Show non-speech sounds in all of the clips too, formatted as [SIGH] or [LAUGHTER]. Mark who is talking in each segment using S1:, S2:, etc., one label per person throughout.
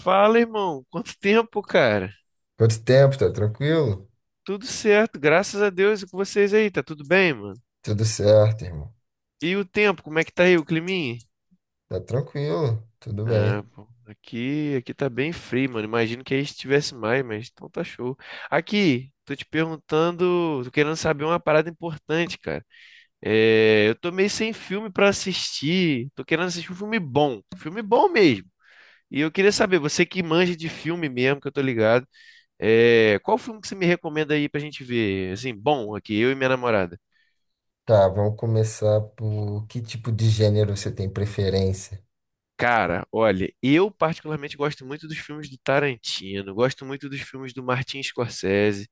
S1: Fala, irmão. Quanto tempo, cara?
S2: Quanto tempo? Tá tranquilo?
S1: Tudo certo, graças a Deus. E com vocês aí, tá tudo bem, mano?
S2: Tudo certo, irmão.
S1: E o tempo, como é que tá aí, o climinha?
S2: Tá tranquilo, tudo
S1: Ah,
S2: bem.
S1: pô, aqui tá bem frio, mano. Imagino que aí estivesse mais, mas então tá show. Aqui, tô te perguntando, tô querendo saber uma parada importante, cara. É, eu tô meio sem filme pra assistir. Tô querendo assistir um filme bom mesmo. E eu queria saber, você que manja de filme mesmo, que eu tô ligado. É, qual filme que você me recomenda aí pra gente ver? Assim, bom, aqui, eu e minha namorada.
S2: Tá, vamos começar por que tipo de gênero você tem preferência?
S1: Cara, olha, eu particularmente gosto muito dos filmes do Tarantino, gosto muito dos filmes do Martin Scorsese,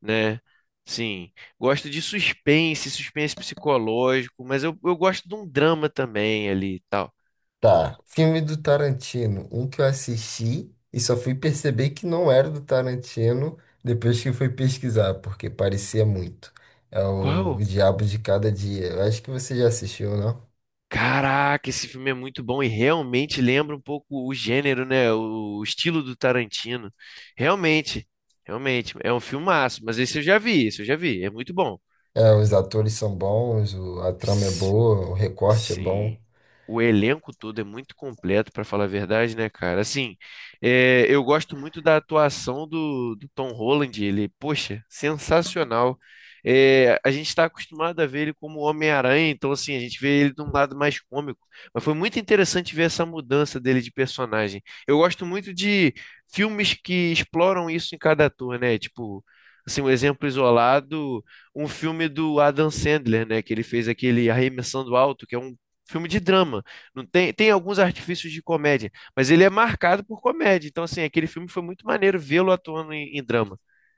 S1: né? Sim, gosto de suspense, suspense psicológico, mas eu gosto de um drama também ali e tal.
S2: Tá, filme do Tarantino, um que eu assisti e só fui perceber que não era do Tarantino depois que fui pesquisar, porque parecia muito. É o
S1: Qual?
S2: Diabo de Cada Dia. Eu acho que você já assistiu, não?
S1: Caraca, esse filme é muito bom e realmente lembra um pouco o gênero, né? O estilo do Tarantino. Realmente, realmente, é um filmaço, mas esse eu já vi, esse eu já vi, é muito bom.
S2: É, os atores são bons, a trama é boa, o recorte é bom.
S1: Sim. O elenco todo é muito completo, pra falar a verdade, né, cara? Assim, é, eu gosto muito da atuação do Tom Holland. Ele, poxa, sensacional. É, a gente está acostumado a ver ele como Homem-Aranha, então, assim, a gente vê ele de um lado mais cômico. Mas foi muito interessante ver essa mudança dele de personagem. Eu gosto muito de filmes que exploram isso em cada ator, né? Tipo, assim, um exemplo isolado, um filme do Adam Sandler, né? Que ele fez aquele Arremessando Alto, que é um filme de drama. Não tem, tem alguns artifícios de comédia, mas ele é marcado por comédia. Então, assim, aquele filme foi muito maneiro vê-lo atuando em drama.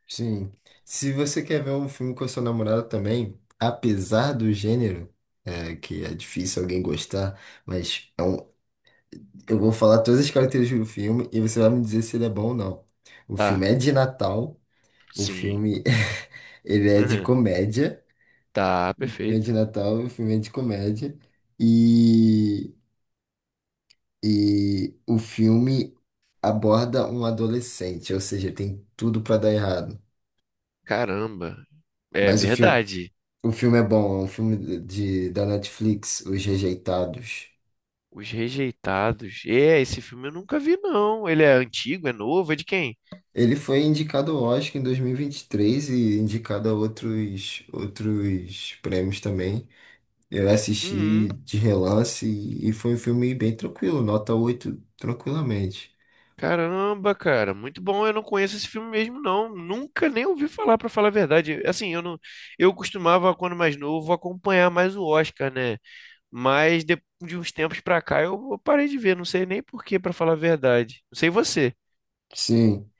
S2: Sim. Se você quer ver um filme com a sua namorada também, apesar do gênero, é, que é difícil alguém gostar, mas é um- eu vou falar todas as características do filme e você vai me dizer se ele é bom ou não. O filme
S1: Tá,
S2: é de Natal, o
S1: sim.
S2: filme [LAUGHS] ele é de
S1: [LAUGHS]
S2: comédia,
S1: Tá,
S2: o filme é de
S1: perfeito.
S2: Natal, o filme é de comédia, e, e o filme aborda um adolescente, ou seja, tem tudo pra dar errado.
S1: Caramba. É
S2: Mas o filme
S1: verdade.
S2: O filme é bom, é um filme de, da Netflix, Os Rejeitados.
S1: Os Rejeitados. É, esse filme eu nunca vi, não. Ele é antigo, é novo, é de quem?
S2: Ele foi indicado ao Oscar em 2023 e vinte e três e indicado a outros, outros prêmios também. Eu
S1: Uhum.
S2: assisti de relance e foi um filme bem tranquilo, nota 8 tranquilamente.
S1: Caramba, cara, muito bom. Eu não conheço esse filme mesmo, não. Nunca nem ouvi falar, pra falar a verdade. Assim, eu não, eu costumava, quando mais novo, acompanhar mais o Oscar, né? Mas de uns tempos pra cá eu parei de ver. Não sei nem por quê, pra falar a verdade. Não sei você.
S2: Sim,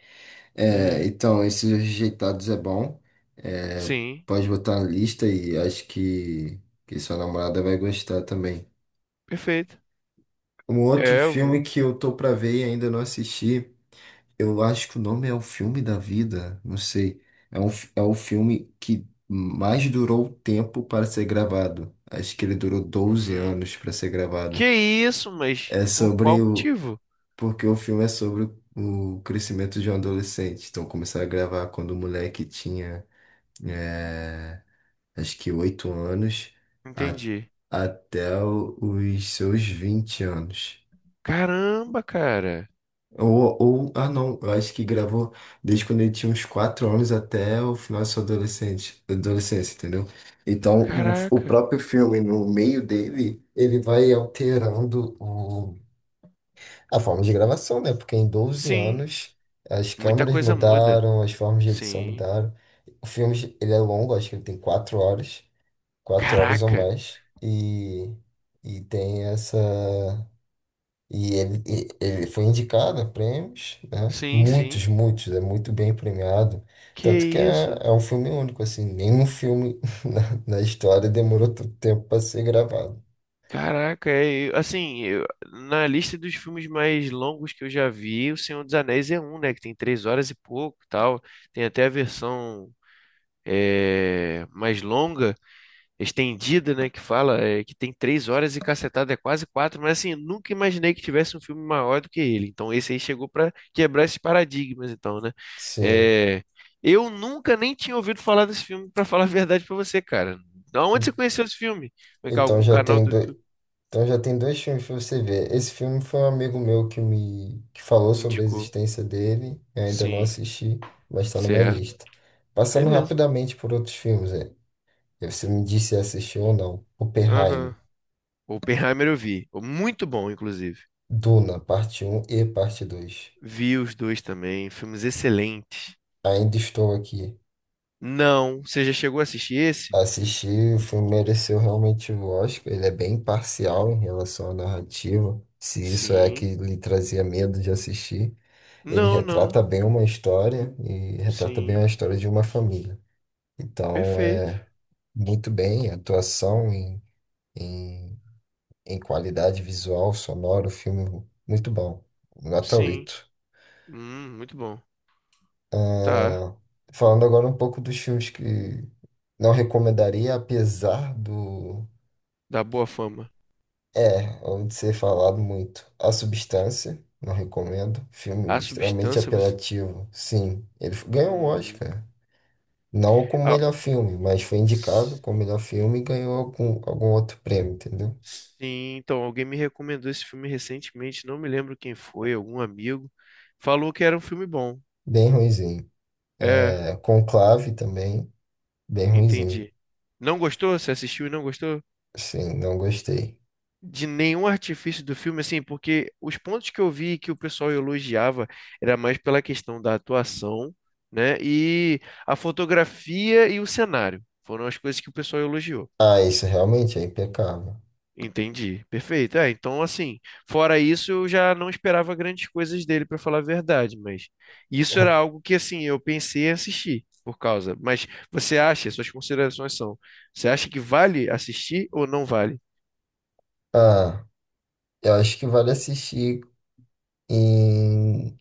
S2: é,
S1: É,
S2: então, esses Rejeitados é bom. É,
S1: sim,
S2: pode botar na lista e que sua namorada vai gostar também.
S1: perfeito.
S2: Um outro
S1: É, eu
S2: filme
S1: vou.
S2: que eu tô pra ver e ainda não assisti. Eu acho que o nome é O Filme da Vida, não sei. É, é o filme que mais durou tempo para ser gravado. Acho que ele durou doze
S1: Hum,
S2: anos para ser
S1: que
S2: gravado.
S1: isso, mas
S2: É
S1: por qual
S2: sobre o.
S1: motivo?
S2: Porque o filme é sobre o crescimento de um adolescente. Então começaram a gravar quando o moleque tinha, é, acho que 8 anos a-
S1: Entendi.
S2: até os seus 20 anos.
S1: Caramba, cara.
S2: Ah não, eu acho que gravou desde quando ele tinha uns 4 anos até o final da sua adolescência, entendeu? Então, o
S1: Caraca.
S2: próprio filme, no meio dele, ele vai alterando a forma de gravação, né? Porque em doze
S1: Sim,
S2: anos, as
S1: muita
S2: câmeras
S1: coisa muda.
S2: mudaram, as formas de edição
S1: Sim.
S2: mudaram. O filme, ele é longo, acho que ele tem quatro horas ou
S1: Caraca.
S2: mais, e tem essa... E ele, ele foi indicado a prêmios, né?
S1: Sim, sim.
S2: Muitos, muitos, é muito bem premiado.
S1: Que
S2: Tanto que é,
S1: isso?
S2: é um filme único, assim, nenhum filme [LAUGHS] na, na história demorou tanto tempo para ser gravado.
S1: Caraca, é, assim, na lista dos filmes mais longos que eu já vi, O Senhor dos Anéis é um, né? Que tem 3 horas e pouco, e tal. Tem até a versão, é, mais longa, estendida, né, que fala, é, que tem 3 horas e cacetada, é quase quatro, mas assim, nunca imaginei que tivesse um filme maior do que ele. Então esse aí chegou para quebrar esses paradigmas, então, né?
S2: Sim.
S1: É, eu nunca nem tinha ouvido falar desse filme, para falar a verdade para você, cara. Da Onde você conheceu esse filme? Foi que
S2: Então
S1: algum
S2: já
S1: canal
S2: tem
S1: do
S2: dois,
S1: YouTube
S2: então já tem dois filmes para você ver. Esse filme foi um amigo meu que falou sobre a
S1: indicou?
S2: existência dele, eu ainda não
S1: Sim,
S2: assisti, mas está na minha
S1: certo.
S2: lista. Passando
S1: Beleza.
S2: rapidamente por outros filmes, é. Você me disse se assistiu ou não. Oppenheimer.
S1: Aham. Oppenheimer eu vi. Muito bom, inclusive.
S2: Duna, parte um e parte dois.
S1: Vi os dois também, filmes excelentes.
S2: Ainda estou aqui.
S1: Não, você já chegou a assistir esse?
S2: Assisti, o filme mereceu realmente o Oscar. Ele é bem parcial em relação à narrativa. Se isso é
S1: Sim.
S2: que lhe trazia medo de assistir, ele
S1: Não, não.
S2: retrata bem uma história e retrata bem a
S1: Sim.
S2: história de uma família. Então,
S1: Perfeito.
S2: é muito bem, atuação em, em qualidade visual, sonora, o filme muito bom. Nota
S1: Sim.
S2: oito.
S1: Muito bom. Tá.
S2: Ah, falando agora um pouco dos filmes que não recomendaria, apesar do.
S1: Dá boa fama.
S2: É, onde ser falado muito. A Substância, não recomendo. Filme
S1: A
S2: extremamente
S1: substância, você.
S2: apelativo. Sim, ganhou o
S1: Hum.
S2: Oscar. Não como
S1: Ah,
S2: melhor filme, mas foi indicado
S1: s-
S2: como melhor filme e ganhou algum outro prêmio, entendeu?
S1: sim, então, alguém me recomendou esse filme recentemente. Não me lembro quem foi, algum amigo. Falou que era um filme bom.
S2: Bem ruinzinho.
S1: É,
S2: É, Conclave também, bem ruinzinho.
S1: entendi. Não gostou? Você assistiu e não gostou?
S2: Sim, não gostei.
S1: De nenhum artifício do filme, assim, porque os pontos que eu vi que o pessoal elogiava era mais pela questão da atuação, né? E a fotografia e o cenário foram as coisas que o pessoal elogiou.
S2: Ah, isso realmente é impecável.
S1: Entendi, perfeito. É, então, assim, fora isso, eu já não esperava grandes coisas dele, para falar a verdade, mas isso era algo
S2: [LAUGHS]
S1: que, assim, eu pensei em assistir por causa. Mas você acha, suas considerações são, você acha que vale assistir ou não vale?
S2: Ah, eu acho que vale assistir. E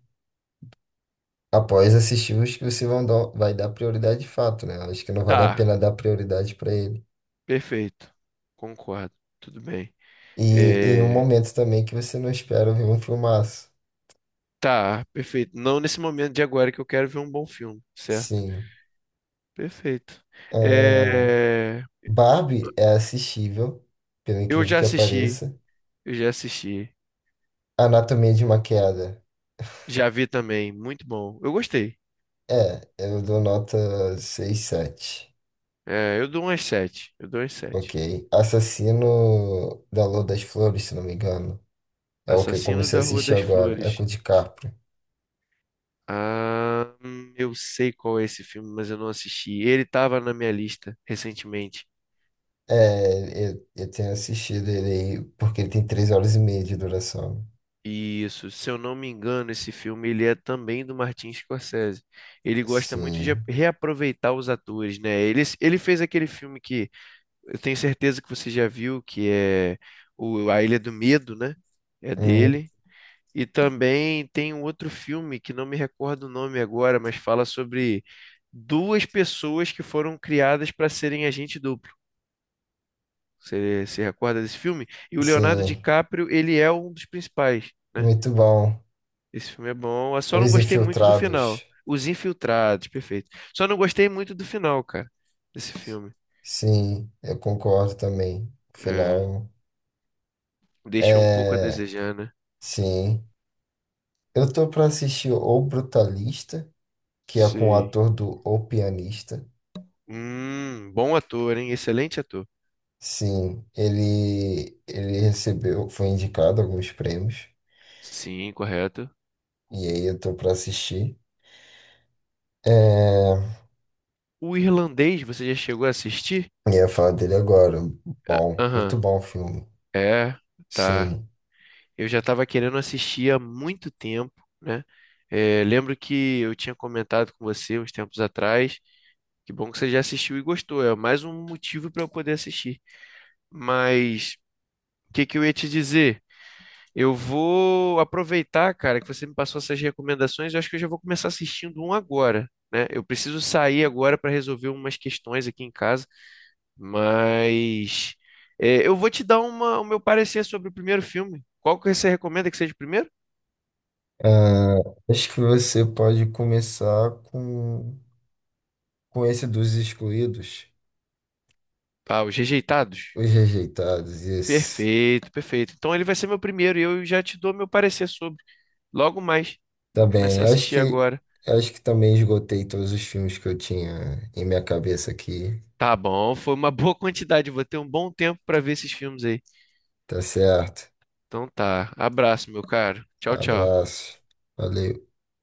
S2: após assistir os que você vai dar prioridade de fato, né? Acho que não vale a
S1: Tá,
S2: pena dar prioridade pra ele.
S1: perfeito. Concordo. Tudo bem.
S2: E em um
S1: É,
S2: momento também que você não espera ver um filmaço.
S1: tá, perfeito. Não nesse momento de agora que eu quero ver um bom filme, certo?
S2: Sim.
S1: Perfeito.
S2: Ah,
S1: É,
S2: Barbie é assistível, pelo
S1: eu
S2: incrível
S1: já
S2: que
S1: assisti,
S2: pareça.
S1: eu já assisti.
S2: Anatomia de uma queda.
S1: Já vi também, muito bom. Eu gostei.
S2: É, eu dou nota seis, sete.
S1: É, eu dou umas sete. Eu dou umas
S2: Ok.
S1: sete.
S2: Assassino da Lua das Flores, se não me engano. É o que eu
S1: Assassino
S2: comecei a
S1: da Rua
S2: assistir
S1: das
S2: agora. É com
S1: Flores.
S2: o DiCaprio.
S1: Ah, eu sei qual é esse filme, mas eu não assisti. Ele estava na minha lista recentemente.
S2: É, eu tenho assistido ele aí, porque ele tem três horas e meia de duração.
S1: Isso, se eu não me engano, esse filme ele é também do Martin Scorsese. Ele gosta muito de ap-
S2: Sim.
S1: reaproveitar os atores, né? Ele fez aquele filme que eu tenho certeza que você já viu, que é o A Ilha do Medo, né? É
S2: Hum,
S1: dele. E também tem um outro filme que não me recordo o nome agora, mas fala sobre duas pessoas que foram criadas para serem agente duplo. Você se recorda desse filme? E o Leonardo
S2: sim,
S1: DiCaprio, ele é um dos principais, né?
S2: muito bom.
S1: Esse filme é bom. Eu só não
S2: Os
S1: gostei muito do final.
S2: Infiltrados.
S1: Os Infiltrados, perfeito. Só não gostei muito do final, cara, desse filme.
S2: Sim, eu concordo também.
S1: É,
S2: Final.
S1: deixou um pouco a
S2: É,
S1: desejar, né?
S2: sim. Eu tô pra assistir O Brutalista, que é com o
S1: Sei.
S2: ator do O Pianista.
S1: Bom ator, hein? Excelente ator.
S2: Sim, ele recebeu, foi indicado a alguns prêmios.
S1: Sim, correto.
S2: E aí eu tô pra assistir. É,
S1: O irlandês, você já chegou a assistir?
S2: eu ia falar dele agora. Bom, muito
S1: Aham.
S2: bom o filme.
S1: É, tá.
S2: Sim.
S1: Eu já estava querendo assistir há muito tempo, né? É, lembro que eu tinha comentado com você uns tempos atrás. Que bom que você já assistiu e gostou. É mais um motivo para eu poder assistir. Mas o que que eu ia te dizer? Eu vou aproveitar, cara, que você me passou essas recomendações. Eu acho que eu já vou começar assistindo um agora, né? Eu preciso sair agora para resolver umas questões aqui em casa, mas é, eu vou te dar uma, o meu parecer sobre o primeiro filme. Qual que você recomenda que seja o primeiro?
S2: Ah, acho que você pode começar com esse dos excluídos,
S1: Ah, Os Rejeitados.
S2: os rejeitados, esse.
S1: Perfeito, perfeito. Então ele vai ser meu primeiro e eu já te dou meu parecer sobre. Logo mais.
S2: Tá
S1: Vou começar
S2: bem,
S1: a assistir agora.
S2: acho que também esgotei todos os filmes que eu tinha em minha cabeça aqui.
S1: Tá bom, foi uma boa quantidade. Vou ter um bom tempo para ver esses filmes aí.
S2: Tá certo.
S1: Então tá. Abraço, meu caro. Tchau, tchau.
S2: Abraço. Valeu.